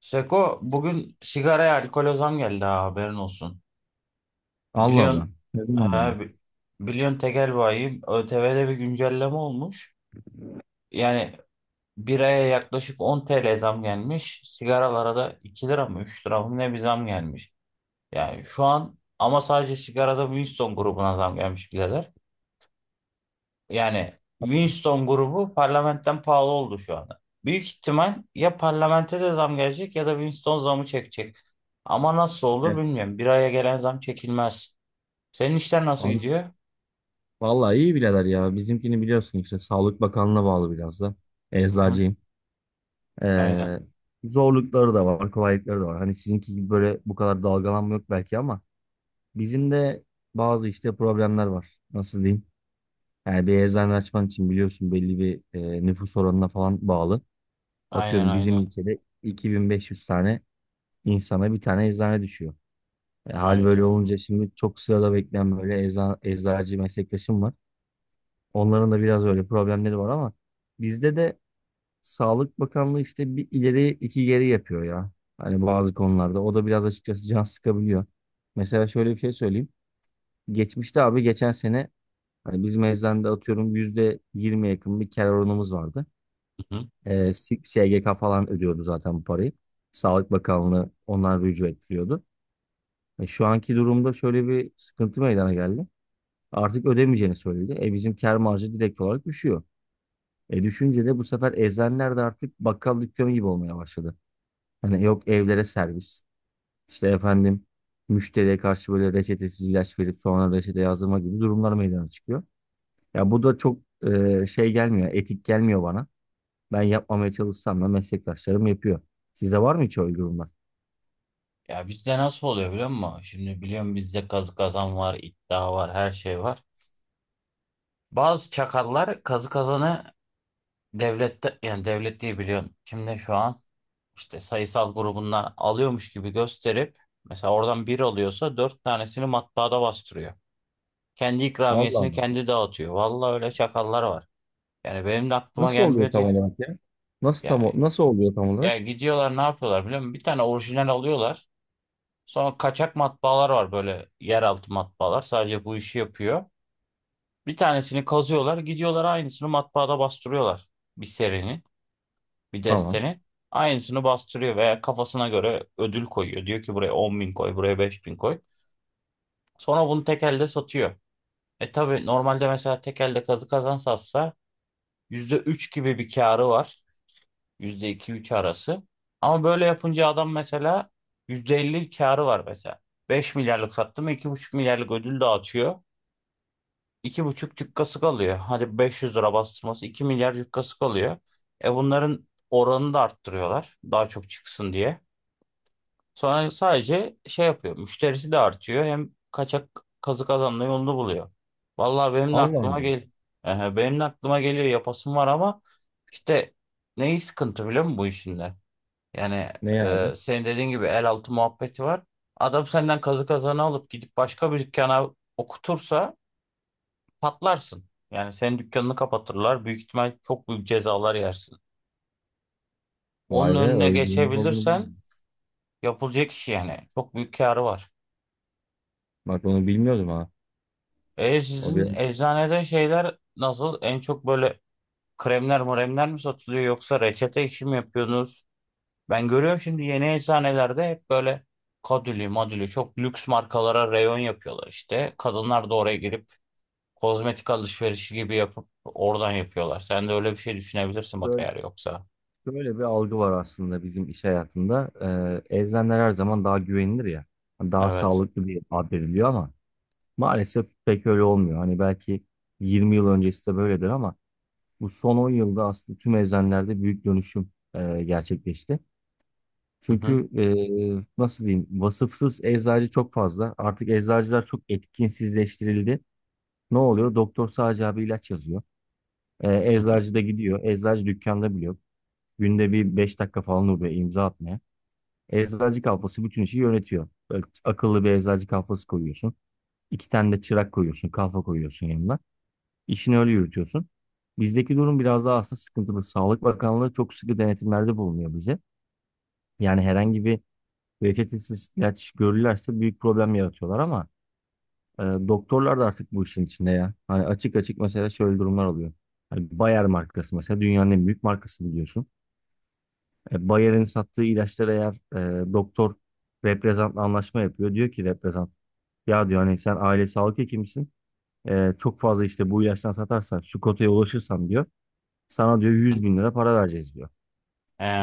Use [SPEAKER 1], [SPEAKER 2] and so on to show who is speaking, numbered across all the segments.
[SPEAKER 1] Seko bugün sigaraya alkole zam geldi ha haberin olsun.
[SPEAKER 2] Allah Allah.
[SPEAKER 1] Biliyorsun
[SPEAKER 2] Ne zaman
[SPEAKER 1] ha,
[SPEAKER 2] geldin?
[SPEAKER 1] bi- biliyorsun tekel bayim ÖTV'de bir güncelleme olmuş. Yani biraya yaklaşık 10 TL zam gelmiş. Sigaralara da 2 lira mı 3 lira mı ne bir zam gelmiş. Yani şu an ama sadece sigarada Winston grubuna zam gelmiş birader. Yani Winston grubu parlamentten pahalı oldu şu anda. Büyük ihtimal ya parlamente de zam gelecek ya da Winston zamı çekecek. Ama nasıl olur
[SPEAKER 2] E,
[SPEAKER 1] bilmiyorum. Bir aya gelen zam çekilmez. Senin işler nasıl
[SPEAKER 2] Abi
[SPEAKER 1] gidiyor?
[SPEAKER 2] vallahi iyi birader ya. Bizimkini biliyorsun işte Sağlık Bakanlığı'na bağlı biraz da.
[SPEAKER 1] Hı hı.
[SPEAKER 2] Eczacıyım.
[SPEAKER 1] Aynen.
[SPEAKER 2] Ee, zorlukları da var, kolaylıkları da var. Hani sizinki gibi böyle bu kadar dalgalanma yok belki ama bizim de bazı işte problemler var. Nasıl diyeyim? Yani bir eczane açman için biliyorsun belli bir nüfus oranına falan bağlı.
[SPEAKER 1] Aynen
[SPEAKER 2] Atıyorum bizim
[SPEAKER 1] aynen.
[SPEAKER 2] ilçede 2500 tane insana bir tane eczane düşüyor. Hal böyle
[SPEAKER 1] Hayda.
[SPEAKER 2] olunca şimdi çok sırada bekleyen böyle eczacı meslektaşım var. Onların da biraz öyle problemleri var ama bizde de Sağlık Bakanlığı işte bir ileri iki geri yapıyor ya. Hani bazı konularda. O da biraz açıkçası can sıkabiliyor. Mesela şöyle bir şey söyleyeyim. Geçmişte abi, geçen sene hani biz eczanede atıyorum %20 yakın bir kar oranımız vardı.
[SPEAKER 1] Hı hı.
[SPEAKER 2] SGK falan ödüyordu zaten bu parayı. Sağlık Bakanlığı ondan rücu ettiriyordu. Şu anki durumda şöyle bir sıkıntı meydana geldi. Artık ödemeyeceğini söyledi. Bizim kar marjı direkt olarak düşüyor. Düşünce de bu sefer eczaneler de artık bakkal dükkanı gibi olmaya başladı. Hani, yok evlere servis, işte efendim, müşteriye karşı böyle reçetesiz ilaç verip sonra reçete yazdırma gibi durumlar meydana çıkıyor. Ya bu da çok şey gelmiyor, etik gelmiyor bana. Ben yapmamaya çalışsam da meslektaşlarım yapıyor. Sizde var mı hiç öyle durumlar?
[SPEAKER 1] Ya bizde nasıl oluyor biliyor musun? Şimdi biliyorum bizde kazı kazan var, iddia var, her şey var. Bazı çakallar kazı kazanı devlette yani devlet diye biliyorum. Kimde şu an? İşte sayısal grubundan alıyormuş gibi gösterip mesela oradan bir alıyorsa dört tanesini matbaada bastırıyor. Kendi
[SPEAKER 2] Allah
[SPEAKER 1] ikramiyesini
[SPEAKER 2] Allah.
[SPEAKER 1] kendi dağıtıyor. Vallahi öyle çakallar var. Yani benim de aklıma
[SPEAKER 2] Nasıl oluyor
[SPEAKER 1] gelmiyor
[SPEAKER 2] tam
[SPEAKER 1] diye.
[SPEAKER 2] olarak ya?
[SPEAKER 1] Ya,
[SPEAKER 2] Nasıl oluyor tam olarak?
[SPEAKER 1] ya, gidiyorlar ne yapıyorlar biliyor musun? Bir tane orijinal alıyorlar. Sonra kaçak matbaalar var, böyle yeraltı matbaalar. Sadece bu işi yapıyor. Bir tanesini kazıyorlar, gidiyorlar aynısını matbaada bastırıyorlar, bir serinin, bir
[SPEAKER 2] Tamam.
[SPEAKER 1] desteni. Aynısını bastırıyor veya kafasına göre ödül koyuyor. Diyor ki buraya 10.000 koy, buraya 5.000 koy. Sonra bunu tek elde satıyor. E tabii normalde mesela tek elde kazı kazan satsa %3 gibi bir karı var. Yüzde iki üç arası. Ama böyle yapınca adam mesela %50 karı var mesela. 5 milyarlık sattı mı 2,5 milyarlık ödül dağıtıyor. İki buçuk cükkası kalıyor. Hadi 500 lira bastırması, 2 milyar cükkası kalıyor. E bunların oranını da arttırıyorlar. Daha çok çıksın diye. Sonra sadece şey yapıyor. Müşterisi de artıyor. Hem kaçak kazık kazanma yolunu buluyor. Vallahi benim de
[SPEAKER 2] Allah
[SPEAKER 1] aklıma
[SPEAKER 2] Allah.
[SPEAKER 1] gel. Ehe, benim de aklıma geliyor, yapasım var ama işte neyi sıkıntı biliyor musun bu işinde? Yani
[SPEAKER 2] Ne ya abi?
[SPEAKER 1] senin dediğin gibi el altı muhabbeti var. Adam senden kazı kazanı alıp gidip başka bir dükkana okutursa patlarsın. Yani senin dükkanını kapatırlar. Büyük ihtimal çok büyük cezalar yersin. Onun
[SPEAKER 2] Vay be,
[SPEAKER 1] önüne
[SPEAKER 2] öyle durumda olduğunu
[SPEAKER 1] geçebilirsen
[SPEAKER 2] bilmiyorum.
[SPEAKER 1] yapılacak iş yani. Çok büyük karı var.
[SPEAKER 2] Bak onu bilmiyordum ha.
[SPEAKER 1] E
[SPEAKER 2] O
[SPEAKER 1] sizin
[SPEAKER 2] benim
[SPEAKER 1] eczanede şeyler nasıl? En çok böyle kremler mremler mi satılıyor, yoksa reçete işi mi yapıyorsunuz? Ben görüyorum, şimdi yeni eczanelerde hep böyle kadülü madülü çok lüks markalara reyon yapıyorlar işte. Kadınlar da oraya girip kozmetik alışverişi gibi yapıp oradan yapıyorlar. Sen de öyle bir şey düşünebilirsin bak, eğer yoksa.
[SPEAKER 2] Böyle bir algı var aslında bizim iş hayatında. Eczaneler her zaman daha güvenilir ya. Hani daha
[SPEAKER 1] Evet.
[SPEAKER 2] sağlıklı bir ad veriliyor ama maalesef pek öyle olmuyor. Hani belki 20 yıl öncesi de böyledir ama bu son 10 yılda aslında tüm eczanelerde büyük dönüşüm gerçekleşti.
[SPEAKER 1] Hı hı.
[SPEAKER 2] Çünkü nasıl diyeyim, vasıfsız eczacı çok fazla. Artık eczacılar çok etkinsizleştirildi. Ne oluyor? Doktor sadece abi ilaç yazıyor.
[SPEAKER 1] Hı hı.
[SPEAKER 2] Eczacı da gidiyor. Eczacı dükkanda bile yok. Günde bir 5 dakika falan oluyor imza atmaya. Eczacı kafası bütün işi yönetiyor. Böyle akıllı bir eczacı kafası koyuyorsun. İki tane de çırak koyuyorsun, kafa koyuyorsun yanına. İşini öyle yürütüyorsun. Bizdeki durum biraz daha aslında sıkıntılı. Sağlık Bakanlığı çok sıkı denetimlerde bulunuyor bize. Yani herhangi bir reçetesiz ilaç görürlerse büyük problem yaratıyorlar ama doktorlar da artık bu işin içinde ya. Hani açık açık mesela şöyle durumlar oluyor. Hani Bayer markası mesela dünyanın en büyük markası, biliyorsun. Bayer'in sattığı ilaçlar eğer, doktor reprezentla anlaşma yapıyor. Diyor ki reprezent, ya diyor, hani sen aile sağlık hekimisin. Çok fazla işte bu ilaçtan satarsan, şu kotaya ulaşırsan diyor. Sana diyor
[SPEAKER 1] Hı.
[SPEAKER 2] 100 bin lira para vereceğiz diyor.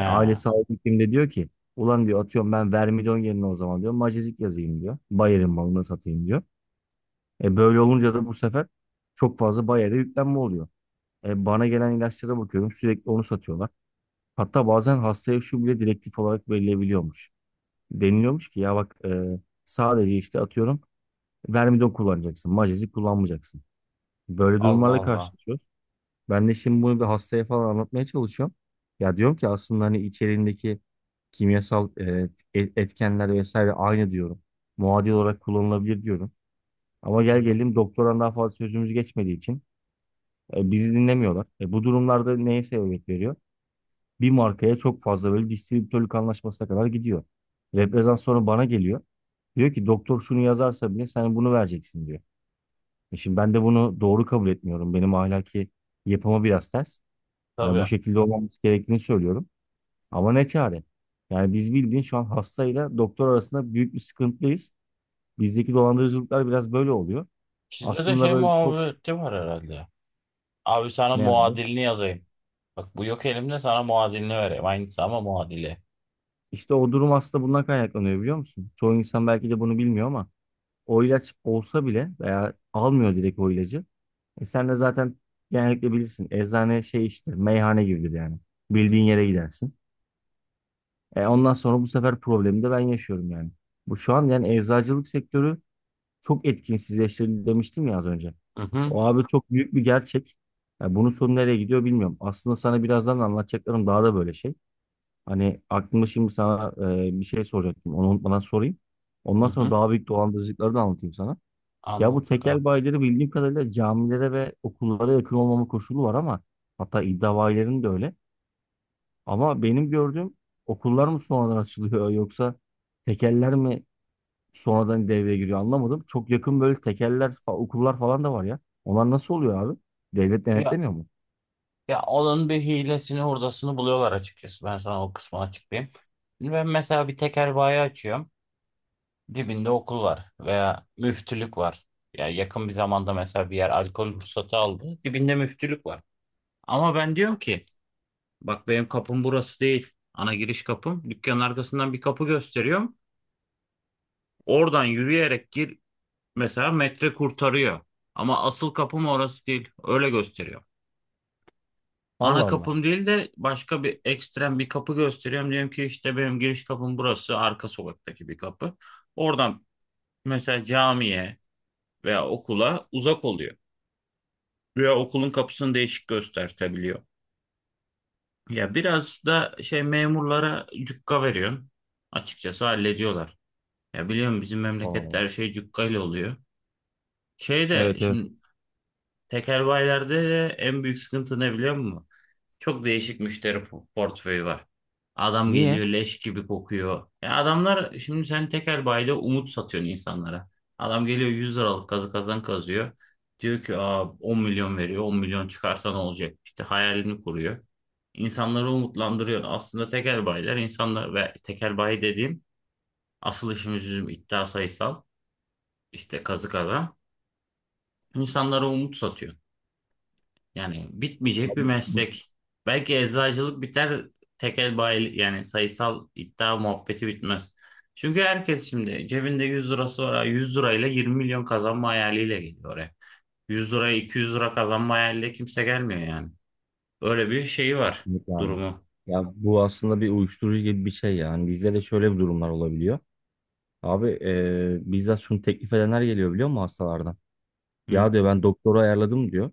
[SPEAKER 2] Aile sağlık hekim de diyor ki ulan diyor, atıyorum, ben vermidon yerine o zaman diyor macezik yazayım diyor. Bayer'in malını satayım diyor. Böyle olunca da bu sefer çok fazla Bayer'e yüklenme oluyor. Bana gelen ilaçlara bakıyorum, sürekli onu satıyorlar. Hatta bazen hastaya şu bile direktif olarak verilebiliyormuş. Deniliyormuş ki ya bak, sadece işte atıyorum vermidon kullanacaksın, macezik kullanmayacaksın. Böyle
[SPEAKER 1] Allah
[SPEAKER 2] durumlarla
[SPEAKER 1] Allah.
[SPEAKER 2] karşılaşıyoruz. Ben de şimdi bunu bir hastaya falan anlatmaya çalışıyorum. Ya diyorum ki aslında hani içeriğindeki kimyasal etkenler vesaire aynı diyorum. Muadil olarak kullanılabilir diyorum. Ama
[SPEAKER 1] Hı
[SPEAKER 2] gel
[SPEAKER 1] hı.
[SPEAKER 2] gelelim, doktoran daha fazla sözümüz geçmediği için bizi dinlemiyorlar. Bu durumlarda neye sebebiyet veriyor? Bir markaya çok fazla böyle distribütörlük anlaşmasına kadar gidiyor. Reprezent sonra bana geliyor. Diyor ki doktor şunu yazarsa bile sen bunu vereceksin diyor. Şimdi ben de bunu doğru kabul etmiyorum. Benim ahlaki yapıma biraz ters. Hani bu
[SPEAKER 1] Tabii.
[SPEAKER 2] şekilde olmaması gerektiğini söylüyorum. Ama ne çare? Yani biz, bildiğin, şu an hastayla doktor arasında büyük bir sıkıntıdayız. Bizdeki dolandırıcılıklar biraz böyle oluyor.
[SPEAKER 1] Sizde de
[SPEAKER 2] Aslında
[SPEAKER 1] şey
[SPEAKER 2] böyle çok,
[SPEAKER 1] muhabbeti var herhalde. Abi sana
[SPEAKER 2] nerede?
[SPEAKER 1] muadilini yazayım. Bak bu yok elimde, sana muadilini vereyim. Aynısı ama muadili.
[SPEAKER 2] İşte o durum aslında bundan kaynaklanıyor, biliyor musun? Çoğu insan belki de bunu bilmiyor ama o ilaç olsa bile veya almıyor direkt o ilacı. Sen de zaten genellikle bilirsin. Eczane, şey, işte, meyhane gibidir yani. Bildiğin yere gidersin. Ondan sonra bu sefer problemi de ben yaşıyorum yani. Bu şu an yani eczacılık sektörü çok etkinsizleştirildi demiştim ya az önce.
[SPEAKER 1] Hı hı.
[SPEAKER 2] O abi çok büyük bir gerçek. Ya bunun sonu nereye gidiyor bilmiyorum. Aslında sana birazdan anlatacaklarım daha da böyle şey. Hani aklımda şimdi sana bir şey soracaktım. Onu unutmadan sorayım.
[SPEAKER 1] Hı
[SPEAKER 2] Ondan sonra
[SPEAKER 1] hı.
[SPEAKER 2] daha büyük dolandırıcılıkları da anlatayım sana. Ya bu
[SPEAKER 1] Anlat
[SPEAKER 2] tekel
[SPEAKER 1] bakalım.
[SPEAKER 2] bayileri bildiğim kadarıyla camilere ve okullara yakın olmama koşulu var ama, hatta iddia bayilerinin de öyle. Ama benim gördüğüm, okullar mı sonradan açılıyor yoksa tekeller mi sonradan devreye giriyor anlamadım. Çok yakın böyle tekeller, okullar falan da var ya. Onlar nasıl oluyor abi? Devlet
[SPEAKER 1] Ya
[SPEAKER 2] denetlemiyor mu?
[SPEAKER 1] ya onun bir hilesini hurdasını buluyorlar açıkçası. Ben sana o kısmını açıklayayım. Şimdi ben mesela bir tekel bayi açıyorum. Dibinde okul var veya müftülük var. Ya yakın bir zamanda mesela bir yer alkol ruhsatı aldı. Dibinde müftülük var. Ama ben diyorum ki bak benim kapım burası değil. Ana giriş kapım. Dükkanın arkasından bir kapı gösteriyorum. Oradan yürüyerek gir. Mesela metre kurtarıyor. Ama asıl kapım orası değil. Öyle gösteriyor.
[SPEAKER 2] Allah
[SPEAKER 1] Ana
[SPEAKER 2] Allah.
[SPEAKER 1] kapım değil de başka bir ekstrem bir kapı gösteriyorum. Diyorum ki işte benim giriş kapım burası. Arka sokaktaki bir kapı. Oradan mesela camiye veya okula uzak oluyor. Veya okulun kapısını değişik göstertebiliyor. Ya biraz da şey, memurlara cukka veriyorum. Açıkçası hallediyorlar. Ya biliyorum, bizim
[SPEAKER 2] Aa,
[SPEAKER 1] memlekette her şey cukka ile oluyor. Şey de
[SPEAKER 2] evet, evet.
[SPEAKER 1] şimdi, tekerbaylerde de en büyük sıkıntı ne biliyor musun? Çok değişik müşteri portföyü var. Adam
[SPEAKER 2] Niye?
[SPEAKER 1] geliyor, leş gibi kokuyor. Ya adamlar, şimdi sen tekel bayda umut satıyorsun insanlara. Adam geliyor 100 liralık kazı kazan kazıyor. Diyor ki Aa, 10 milyon veriyor. 10 milyon çıkarsa ne olacak? İşte hayalini kuruyor. İnsanları umutlandırıyor. Aslında tekel bayiler, insanlar ve tekel bayi dediğim, asıl işimiz bizim iddia sayısal işte kazı kazan. İnsanlara umut satıyor. Yani bitmeyecek bir
[SPEAKER 2] Bu-
[SPEAKER 1] meslek. Belki eczacılık biter, tekel bayi yani sayısal iddia muhabbeti bitmez. Çünkü herkes şimdi cebinde 100 lirası var. 100 lirayla 20 milyon kazanma hayaliyle geliyor oraya. 100 liraya 200 lira kazanma hayaliyle kimse gelmiyor yani. Öyle bir şeyi var
[SPEAKER 2] Kesinlikle abi.
[SPEAKER 1] durumu.
[SPEAKER 2] Ya bu aslında bir uyuşturucu gibi bir şey yani. Bizde de şöyle bir durumlar olabiliyor. Abi, bizzat şunu teklif edenler geliyor, biliyor musun, hastalardan?
[SPEAKER 1] Hı,
[SPEAKER 2] Ya diyor, ben doktoru ayarladım diyor.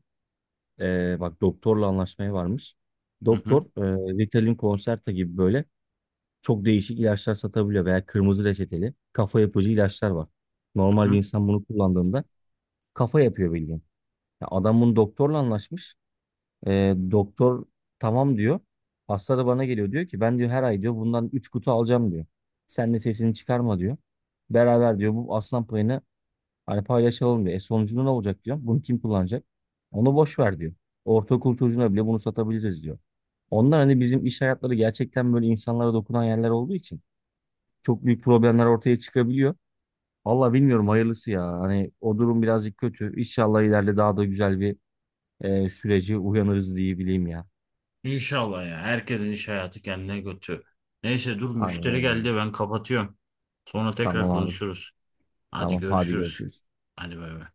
[SPEAKER 2] Bak, doktorla anlaşmaya varmış.
[SPEAKER 1] hı, hı,
[SPEAKER 2] Doktor, Ritalin Concerta gibi böyle çok değişik ilaçlar satabiliyor veya kırmızı reçeteli kafa yapıcı ilaçlar var. Normal bir
[SPEAKER 1] hı.
[SPEAKER 2] insan bunu kullandığında kafa yapıyor, bildiğin. Ya adam bunu doktorla anlaşmış. Doktor tamam diyor. Hasta da bana geliyor, diyor ki ben diyor her ay diyor bundan 3 kutu alacağım diyor. Sen de sesini çıkarma diyor. Beraber diyor bu aslan payını hani paylaşalım diyor. Sonucunda ne olacak diyor. Bunu kim kullanacak? Onu boş ver diyor. Ortaokul çocuğuna bile bunu satabiliriz diyor. Ondan hani bizim iş hayatları gerçekten böyle insanlara dokunan yerler olduğu için çok büyük problemler ortaya çıkabiliyor. Valla bilmiyorum, hayırlısı ya. Hani o durum birazcık kötü. İnşallah ileride daha da güzel bir sürece uyanırız diye bileyim ya.
[SPEAKER 1] İnşallah ya. Herkesin iş hayatı kendine götü. Neyse dur,
[SPEAKER 2] Aynen
[SPEAKER 1] müşteri
[SPEAKER 2] öyle abi.
[SPEAKER 1] geldi, ben kapatıyorum. Sonra tekrar
[SPEAKER 2] Tamam abi.
[SPEAKER 1] konuşuruz. Hadi
[SPEAKER 2] Tamam, hadi
[SPEAKER 1] görüşürüz.
[SPEAKER 2] görüşürüz.
[SPEAKER 1] Hadi bay bay.